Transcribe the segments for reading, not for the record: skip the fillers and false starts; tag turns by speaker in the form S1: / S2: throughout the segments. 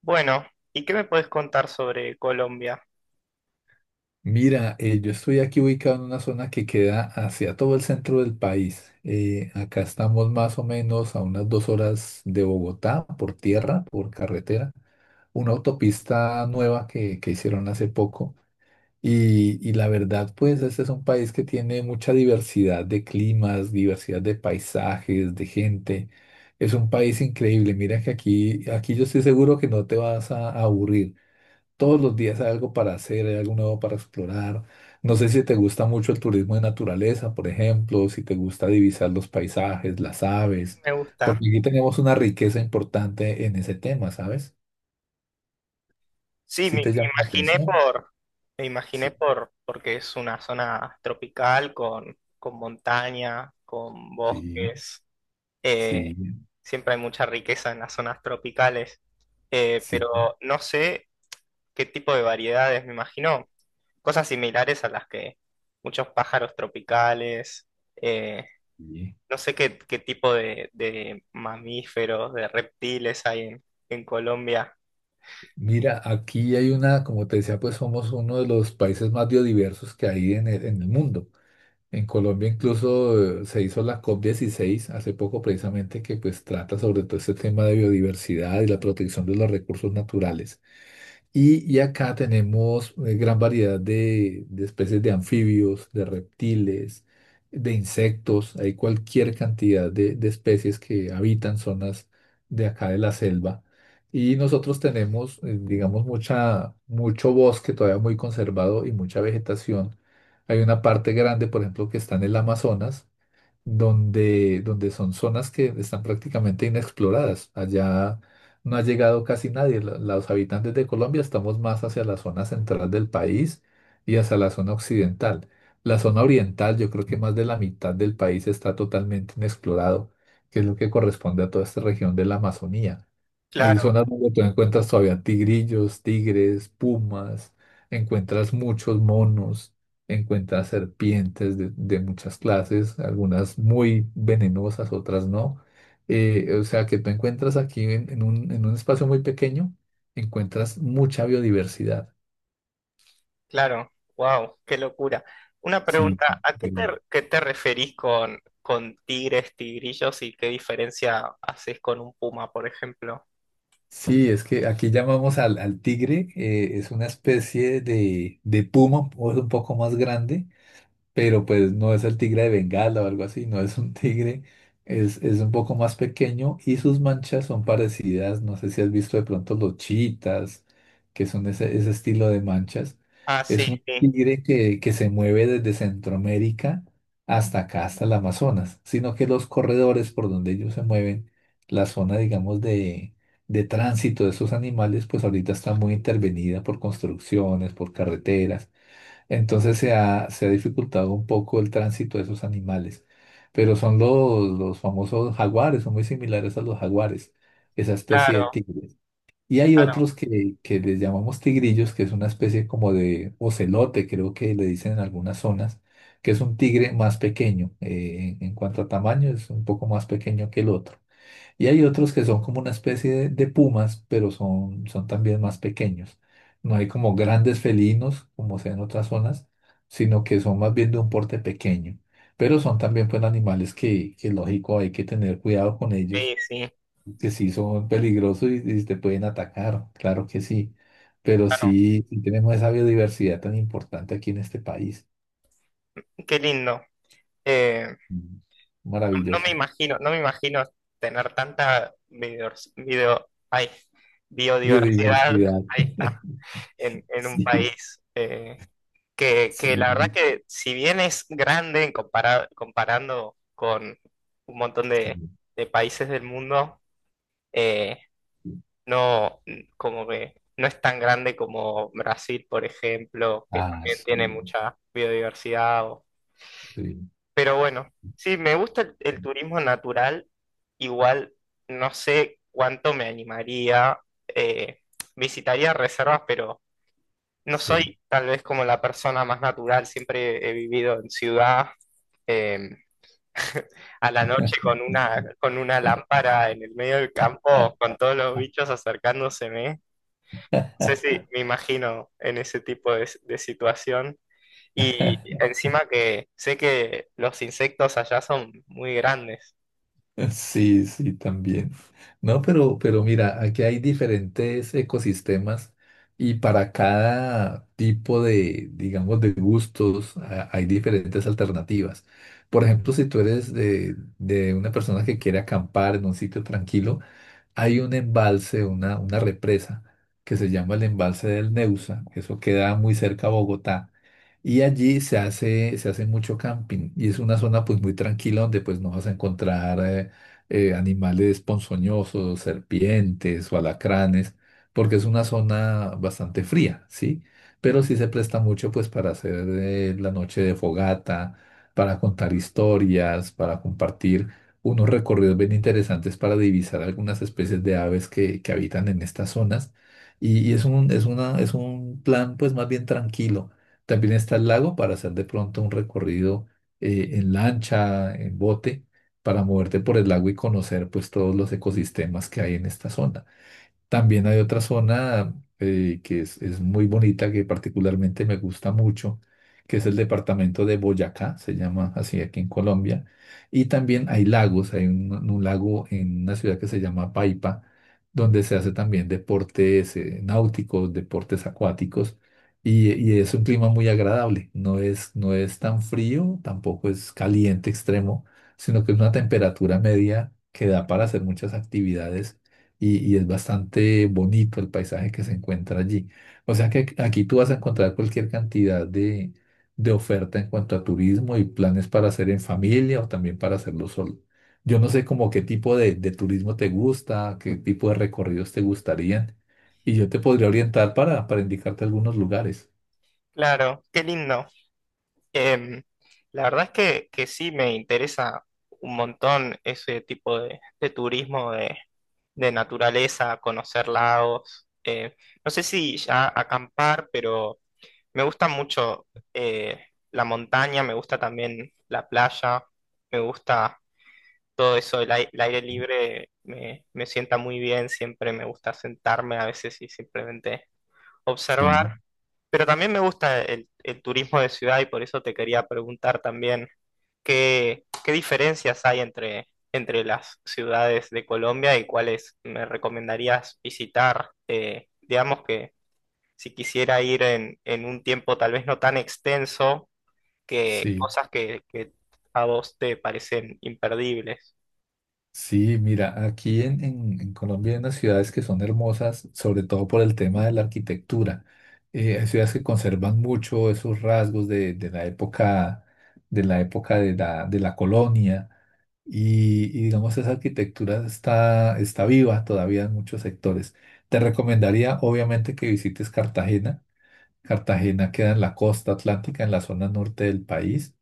S1: Bueno, ¿y qué me puedes contar sobre Colombia?
S2: Mira, yo estoy aquí ubicado en una zona que queda hacia todo el centro del país. Acá estamos más o menos a unas 2 horas de Bogotá por tierra, por carretera, una autopista nueva que hicieron hace poco. Y la verdad, pues este es un país que tiene mucha diversidad de climas, diversidad de paisajes, de gente. Es un país increíble. Mira que aquí yo estoy seguro que no te vas a aburrir. Todos los días hay algo para hacer, hay algo nuevo para explorar. No sé si te gusta mucho el turismo de naturaleza, por ejemplo, si te gusta divisar los paisajes, las aves,
S1: Me gusta.
S2: porque aquí tenemos una riqueza importante en ese tema, ¿sabes?
S1: Sí,
S2: Si
S1: me,
S2: te
S1: me
S2: llama la
S1: imaginé
S2: atención. Sí,
S1: porque es una zona tropical con montaña, con
S2: sí,
S1: bosques. eh,
S2: sí,
S1: Siempre hay mucha riqueza en las zonas tropicales, eh,
S2: sí,
S1: pero no sé qué tipo de variedades, me imagino. Cosas similares a las que muchos pájaros tropicales. eh,
S2: sí.
S1: No sé qué tipo de mamíferos, de reptiles hay en Colombia.
S2: Mira, aquí hay una, como te decía, pues somos uno de los países más biodiversos que hay en el mundo. En Colombia incluso se hizo la COP16 hace poco precisamente que pues trata sobre todo este tema de biodiversidad y la protección de los recursos naturales. Y acá tenemos gran variedad de especies de anfibios, de reptiles, de insectos. Hay cualquier cantidad de especies que habitan zonas de acá de la selva. Y nosotros tenemos, digamos, mucho bosque todavía muy conservado y mucha vegetación. Hay una parte grande, por ejemplo, que está en el Amazonas donde son zonas que están prácticamente inexploradas. Allá no ha llegado casi nadie. Los habitantes de Colombia estamos más hacia la zona central del país y hacia la zona occidental. La zona oriental, yo creo que más de la mitad del país está totalmente inexplorado, que es lo que corresponde a toda esta región de la Amazonía. Hay
S1: Claro,
S2: zonas donde tú encuentras todavía tigrillos, tigres, pumas, encuentras muchos monos, encuentras serpientes de muchas clases, algunas muy venenosas, otras no. O sea que tú encuentras aquí en un espacio muy pequeño, encuentras mucha biodiversidad.
S1: claro. Wow, qué locura. Una
S2: Sí.
S1: pregunta,
S2: Mm.
S1: ¿qué te referís con tigres, tigrillos y qué diferencia haces con un puma, por ejemplo?
S2: Sí, es que aquí llamamos al tigre, es una especie de puma, o es un poco más grande, pero pues no es el tigre de Bengala o algo así, no es un tigre, es un poco más pequeño y sus manchas son parecidas, no sé si has visto de pronto los chitas, que son ese estilo de manchas.
S1: Ah, sí,
S2: Es un
S1: sí,
S2: tigre que se mueve desde Centroamérica hasta acá, hasta el Amazonas, sino que los corredores por donde ellos se mueven, la zona, digamos, de tránsito de esos animales, pues ahorita está muy intervenida por construcciones, por carreteras. Entonces se ha dificultado un poco el tránsito de esos animales. Pero son los famosos jaguares, son muy similares a los jaguares, esa especie de
S1: claro,
S2: tigres. Y hay
S1: claro,
S2: otros que les llamamos tigrillos, que es una especie como de ocelote, creo que le dicen en algunas zonas, que es un tigre más pequeño. En cuanto a tamaño, es un poco más pequeño que el otro. Y hay otros que son como una especie de pumas, pero son también más pequeños. No hay como grandes felinos, como sea en otras zonas, sino que son más bien de un porte pequeño. Pero son también pues animales que lógico hay que tener cuidado con
S1: sí,
S2: ellos,
S1: sí,
S2: que sí son peligrosos y te pueden atacar, claro que sí. Pero
S1: claro.
S2: sí, sí tenemos esa biodiversidad tan importante aquí en este país.
S1: Qué lindo. Eh,
S2: Mm, Maravilloso.
S1: no me imagino tener tanta biodiversidad, ay, biodiversidad,
S2: Biodiversidad.
S1: ahí está, en un
S2: Sí,
S1: país
S2: sí,
S1: que la verdad que si bien es grande en comparando con un montón
S2: sí.
S1: de países del mundo, eh, como que no es tan grande como Brasil, por ejemplo, que
S2: Ah,
S1: también tiene
S2: sí,
S1: mucha biodiversidad.
S2: sí,
S1: Pero bueno, sí, me gusta el turismo natural, igual no sé cuánto me animaría. eh, Visitaría reservas, pero no
S2: sí.
S1: soy tal vez como la persona más natural, siempre he vivido en ciudad. eh, a la noche con con una lámpara en el medio del campo, con todos los bichos acercándoseme. No sé si me imagino en ese tipo de situación. Y encima que sé que los insectos allá son muy grandes.
S2: Sí, sí, también. No, pero mira, aquí hay diferentes ecosistemas y para cada tipo de, digamos, de gustos hay diferentes alternativas. Por ejemplo, si tú eres de una persona que quiere acampar en un sitio tranquilo, hay un embalse, una represa que se llama el embalse del Neusa, eso queda muy cerca a Bogotá, y allí se hace mucho camping y es una zona pues muy tranquila donde pues no vas a encontrar animales ponzoñosos, serpientes o alacranes, porque es una zona bastante fría, ¿sí? Pero sí se presta mucho pues para hacer la noche de fogata, para contar historias, para compartir unos recorridos bien interesantes para divisar algunas especies de aves que habitan en estas zonas. Y es un, es una, es un plan pues más bien tranquilo. También está el lago para hacer de pronto un recorrido en lancha, en bote, para moverte por el lago y conocer pues todos los ecosistemas que hay en esta zona. También hay otra zona que es muy bonita, que particularmente me gusta mucho, que es el departamento de Boyacá, se llama así aquí en Colombia. Y también hay lagos, hay un lago en una ciudad que se llama Paipa, donde se hace también deportes náuticos, deportes acuáticos, y es un clima muy agradable. No es tan frío, tampoco es caliente extremo, sino que es una temperatura media que da para hacer muchas actividades y es bastante bonito el paisaje que se encuentra allí. O sea que aquí tú vas a encontrar cualquier cantidad de oferta en cuanto a turismo y planes para hacer en familia o también para hacerlo solo. Yo no sé como qué tipo de turismo te gusta, qué tipo de recorridos te gustarían y yo te podría orientar para indicarte algunos lugares.
S1: Claro, qué lindo. Em, la verdad es que sí me interesa un montón ese tipo de turismo de naturaleza, conocer lagos. No sé si ya acampar, pero me gusta mucho eh, la montaña, me gusta también la playa, me gusta todo eso, el aire libre me sienta muy bien, siempre me gusta sentarme a veces y simplemente observar.
S2: Sí,
S1: Pero también me gusta el turismo de ciudad y por eso te quería preguntar también qué diferencias hay entre las ciudades de Colombia y cuáles me recomendarías visitar. Digamos que si quisiera ir en un tiempo tal vez no tan extenso, que
S2: sí.
S1: cosas que a vos te parecen imperdibles.
S2: Sí, mira, aquí en Colombia hay unas ciudades que son hermosas, sobre todo por el tema de la arquitectura. Hay ciudades que conservan mucho esos rasgos de la época, de la, época de la colonia y digamos esa arquitectura está, está viva todavía en muchos sectores. Te recomendaría obviamente que visites Cartagena. Cartagena queda en la costa atlántica, en la zona norte del país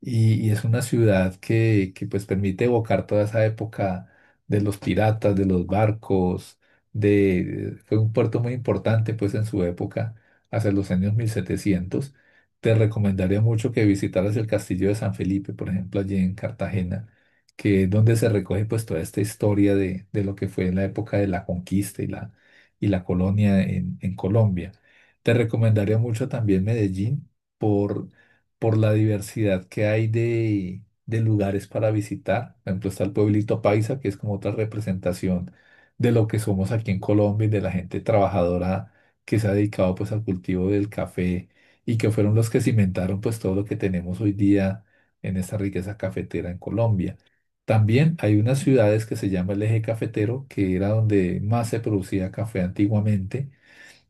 S2: y es una ciudad pues permite evocar toda esa época de los piratas, de los barcos, de, fue un puerto muy importante pues en su época, hacia los años 1700. Te recomendaría mucho que visitaras el castillo de San Felipe, por ejemplo, allí en Cartagena, que es donde se recoge pues toda esta historia de lo que fue en la época de la conquista y la colonia en Colombia. Te recomendaría mucho también Medellín por por la diversidad que hay de lugares para visitar. Por ejemplo, está el pueblito Paisa, que es como otra representación de lo que somos aquí en Colombia y de la gente trabajadora que se ha dedicado pues al cultivo del café y que fueron los que cimentaron pues todo lo que tenemos hoy día en esta riqueza cafetera en Colombia. También hay unas ciudades que se llama el Eje Cafetero, que era donde más se producía café antiguamente.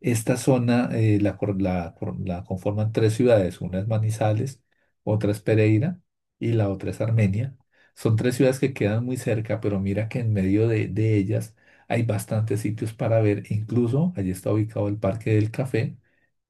S2: Esta zona la conforman tres ciudades, una es Manizales, otra es Pereira y la otra es Armenia. Son tres ciudades que quedan muy cerca, pero mira que en medio de ellas hay bastantes sitios para ver. Incluso allí está ubicado el Parque del Café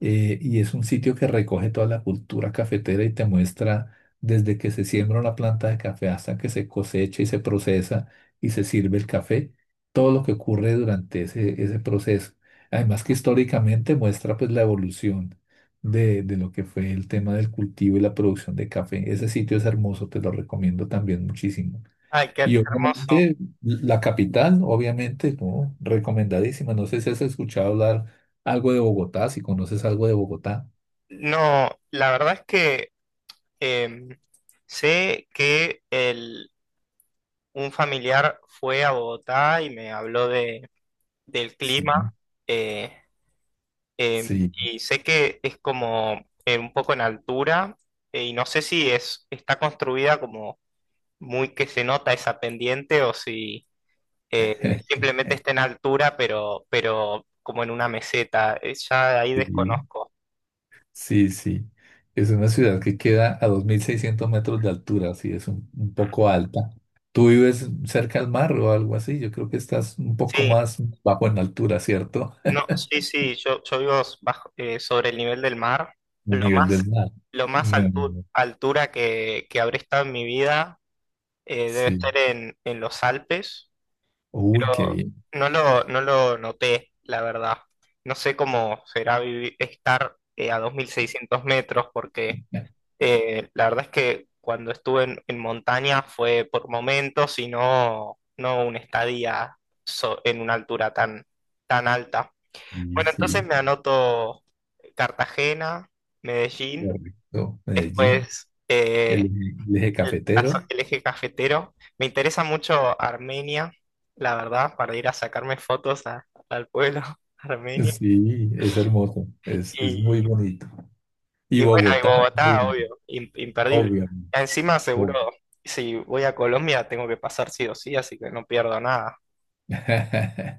S2: Y es un sitio que recoge toda la cultura cafetera y te muestra desde que se siembra una planta de café hasta que se cosecha y se procesa y se sirve el café, todo lo que ocurre durante ese proceso. Además que históricamente muestra pues la evolución de lo que fue el tema del cultivo y la producción de café. Ese sitio es hermoso, te lo recomiendo también muchísimo.
S1: Ay, qué
S2: Y
S1: hermoso.
S2: obviamente la capital, obviamente, ¿no? Recomendadísima. No sé si has escuchado hablar algo de Bogotá, si conoces algo de Bogotá.
S1: No, la verdad es que em, sé que un familiar fue a Bogotá y me habló del
S2: Sí,
S1: clima. eh, eh,
S2: sí,
S1: y sé que es como un poco en altura. Y no sé si es, está construida como muy que se nota esa pendiente o si eh, simplemente está en altura pero como en una meseta. Ya ahí
S2: sí.
S1: desconozco.
S2: Sí, sí. Es una ciudad que queda a 2600 metros de altura, así es un poco alta. ¿Tú vives cerca al mar o algo así? Yo creo que estás un poco
S1: Sí.
S2: más bajo en altura, ¿cierto?
S1: No, sí, sí, yo vivo bajo, sobre el nivel del mar.
S2: El
S1: Lo
S2: nivel
S1: más,
S2: del mar.
S1: lo más
S2: No, no, no.
S1: altura que habré estado en mi vida. Debe
S2: Sí.
S1: estar en los Alpes,
S2: Uy, qué
S1: pero
S2: bien.
S1: no lo noté, la verdad. No sé cómo será estar a 2.600 metros, porque la verdad es que cuando estuve en montaña fue por momentos y no una estadía en una altura tan alta.
S2: Sí,
S1: Bueno, entonces
S2: sí.
S1: me anoto Cartagena, Medellín,
S2: Correcto. Medellín,
S1: después
S2: el, eje el eje cafetero.
S1: el eje cafetero. Me interesa mucho Armenia, la verdad, para ir a sacarme fotos al pueblo armenio.
S2: Sí, es hermoso. Es muy
S1: Y,
S2: bonito. Y
S1: y bueno, y
S2: Bogotá, muy
S1: Bogotá, obvio, imperdible.
S2: obviamente.
S1: Encima seguro,
S2: Bogotá.
S1: si voy a Colombia tengo que pasar sí o sí, así que no pierdo nada.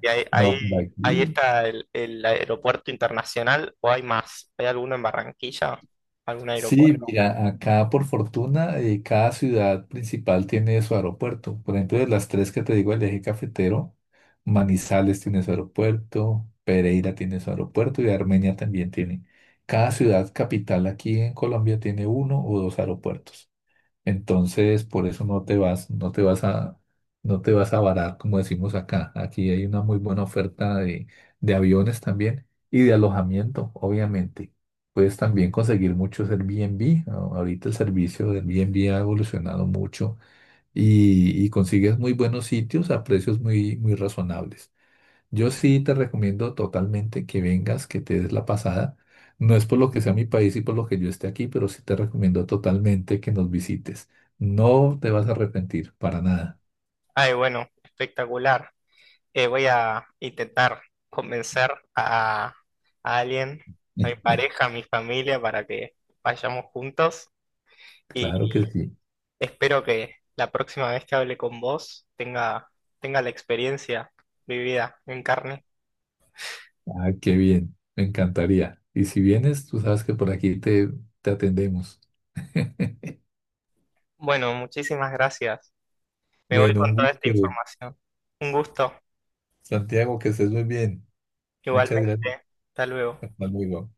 S1: Y ahí, ahí,
S2: No, por
S1: Ahí
S2: aquí.
S1: está el aeropuerto internacional, ¿o hay más? ¿Hay alguno en Barranquilla? ¿Algún
S2: Sí,
S1: aeropuerto?
S2: mira, acá por fortuna cada ciudad principal tiene su aeropuerto. Por ejemplo, de las tres que te digo, del eje cafetero, Manizales tiene su aeropuerto, Pereira tiene su aeropuerto y Armenia también tiene. Cada ciudad capital aquí en Colombia tiene uno o dos aeropuertos. Entonces, por eso no te vas a varar, como decimos acá. Aquí hay una muy buena oferta de aviones también y de alojamiento, obviamente. Puedes también conseguir muchos Airbnb. Ahorita el servicio de Airbnb ha evolucionado mucho y consigues muy buenos sitios a precios muy, muy razonables. Yo sí te recomiendo totalmente que vengas, que te des la pasada. No es por lo que sea mi país y por lo que yo esté aquí, pero sí te recomiendo totalmente que nos visites. No te vas a arrepentir, para nada.
S1: Ay, bueno, espectacular. Voy a intentar convencer a alguien, a mi pareja, a mi familia, para que vayamos juntos y
S2: Claro que sí.
S1: espero que la próxima vez que hable con vos tenga la experiencia vivida en carne.
S2: Ah, qué bien. Me encantaría. Y si vienes, tú sabes que por aquí te atendemos.
S1: Bueno, muchísimas gracias. Me voy
S2: Bueno,
S1: con
S2: un
S1: toda esta
S2: gusto,
S1: información. Un gusto,
S2: Santiago, que estés muy bien. Muchas
S1: igualmente.
S2: gracias.
S1: Hasta luego.
S2: Hasta luego.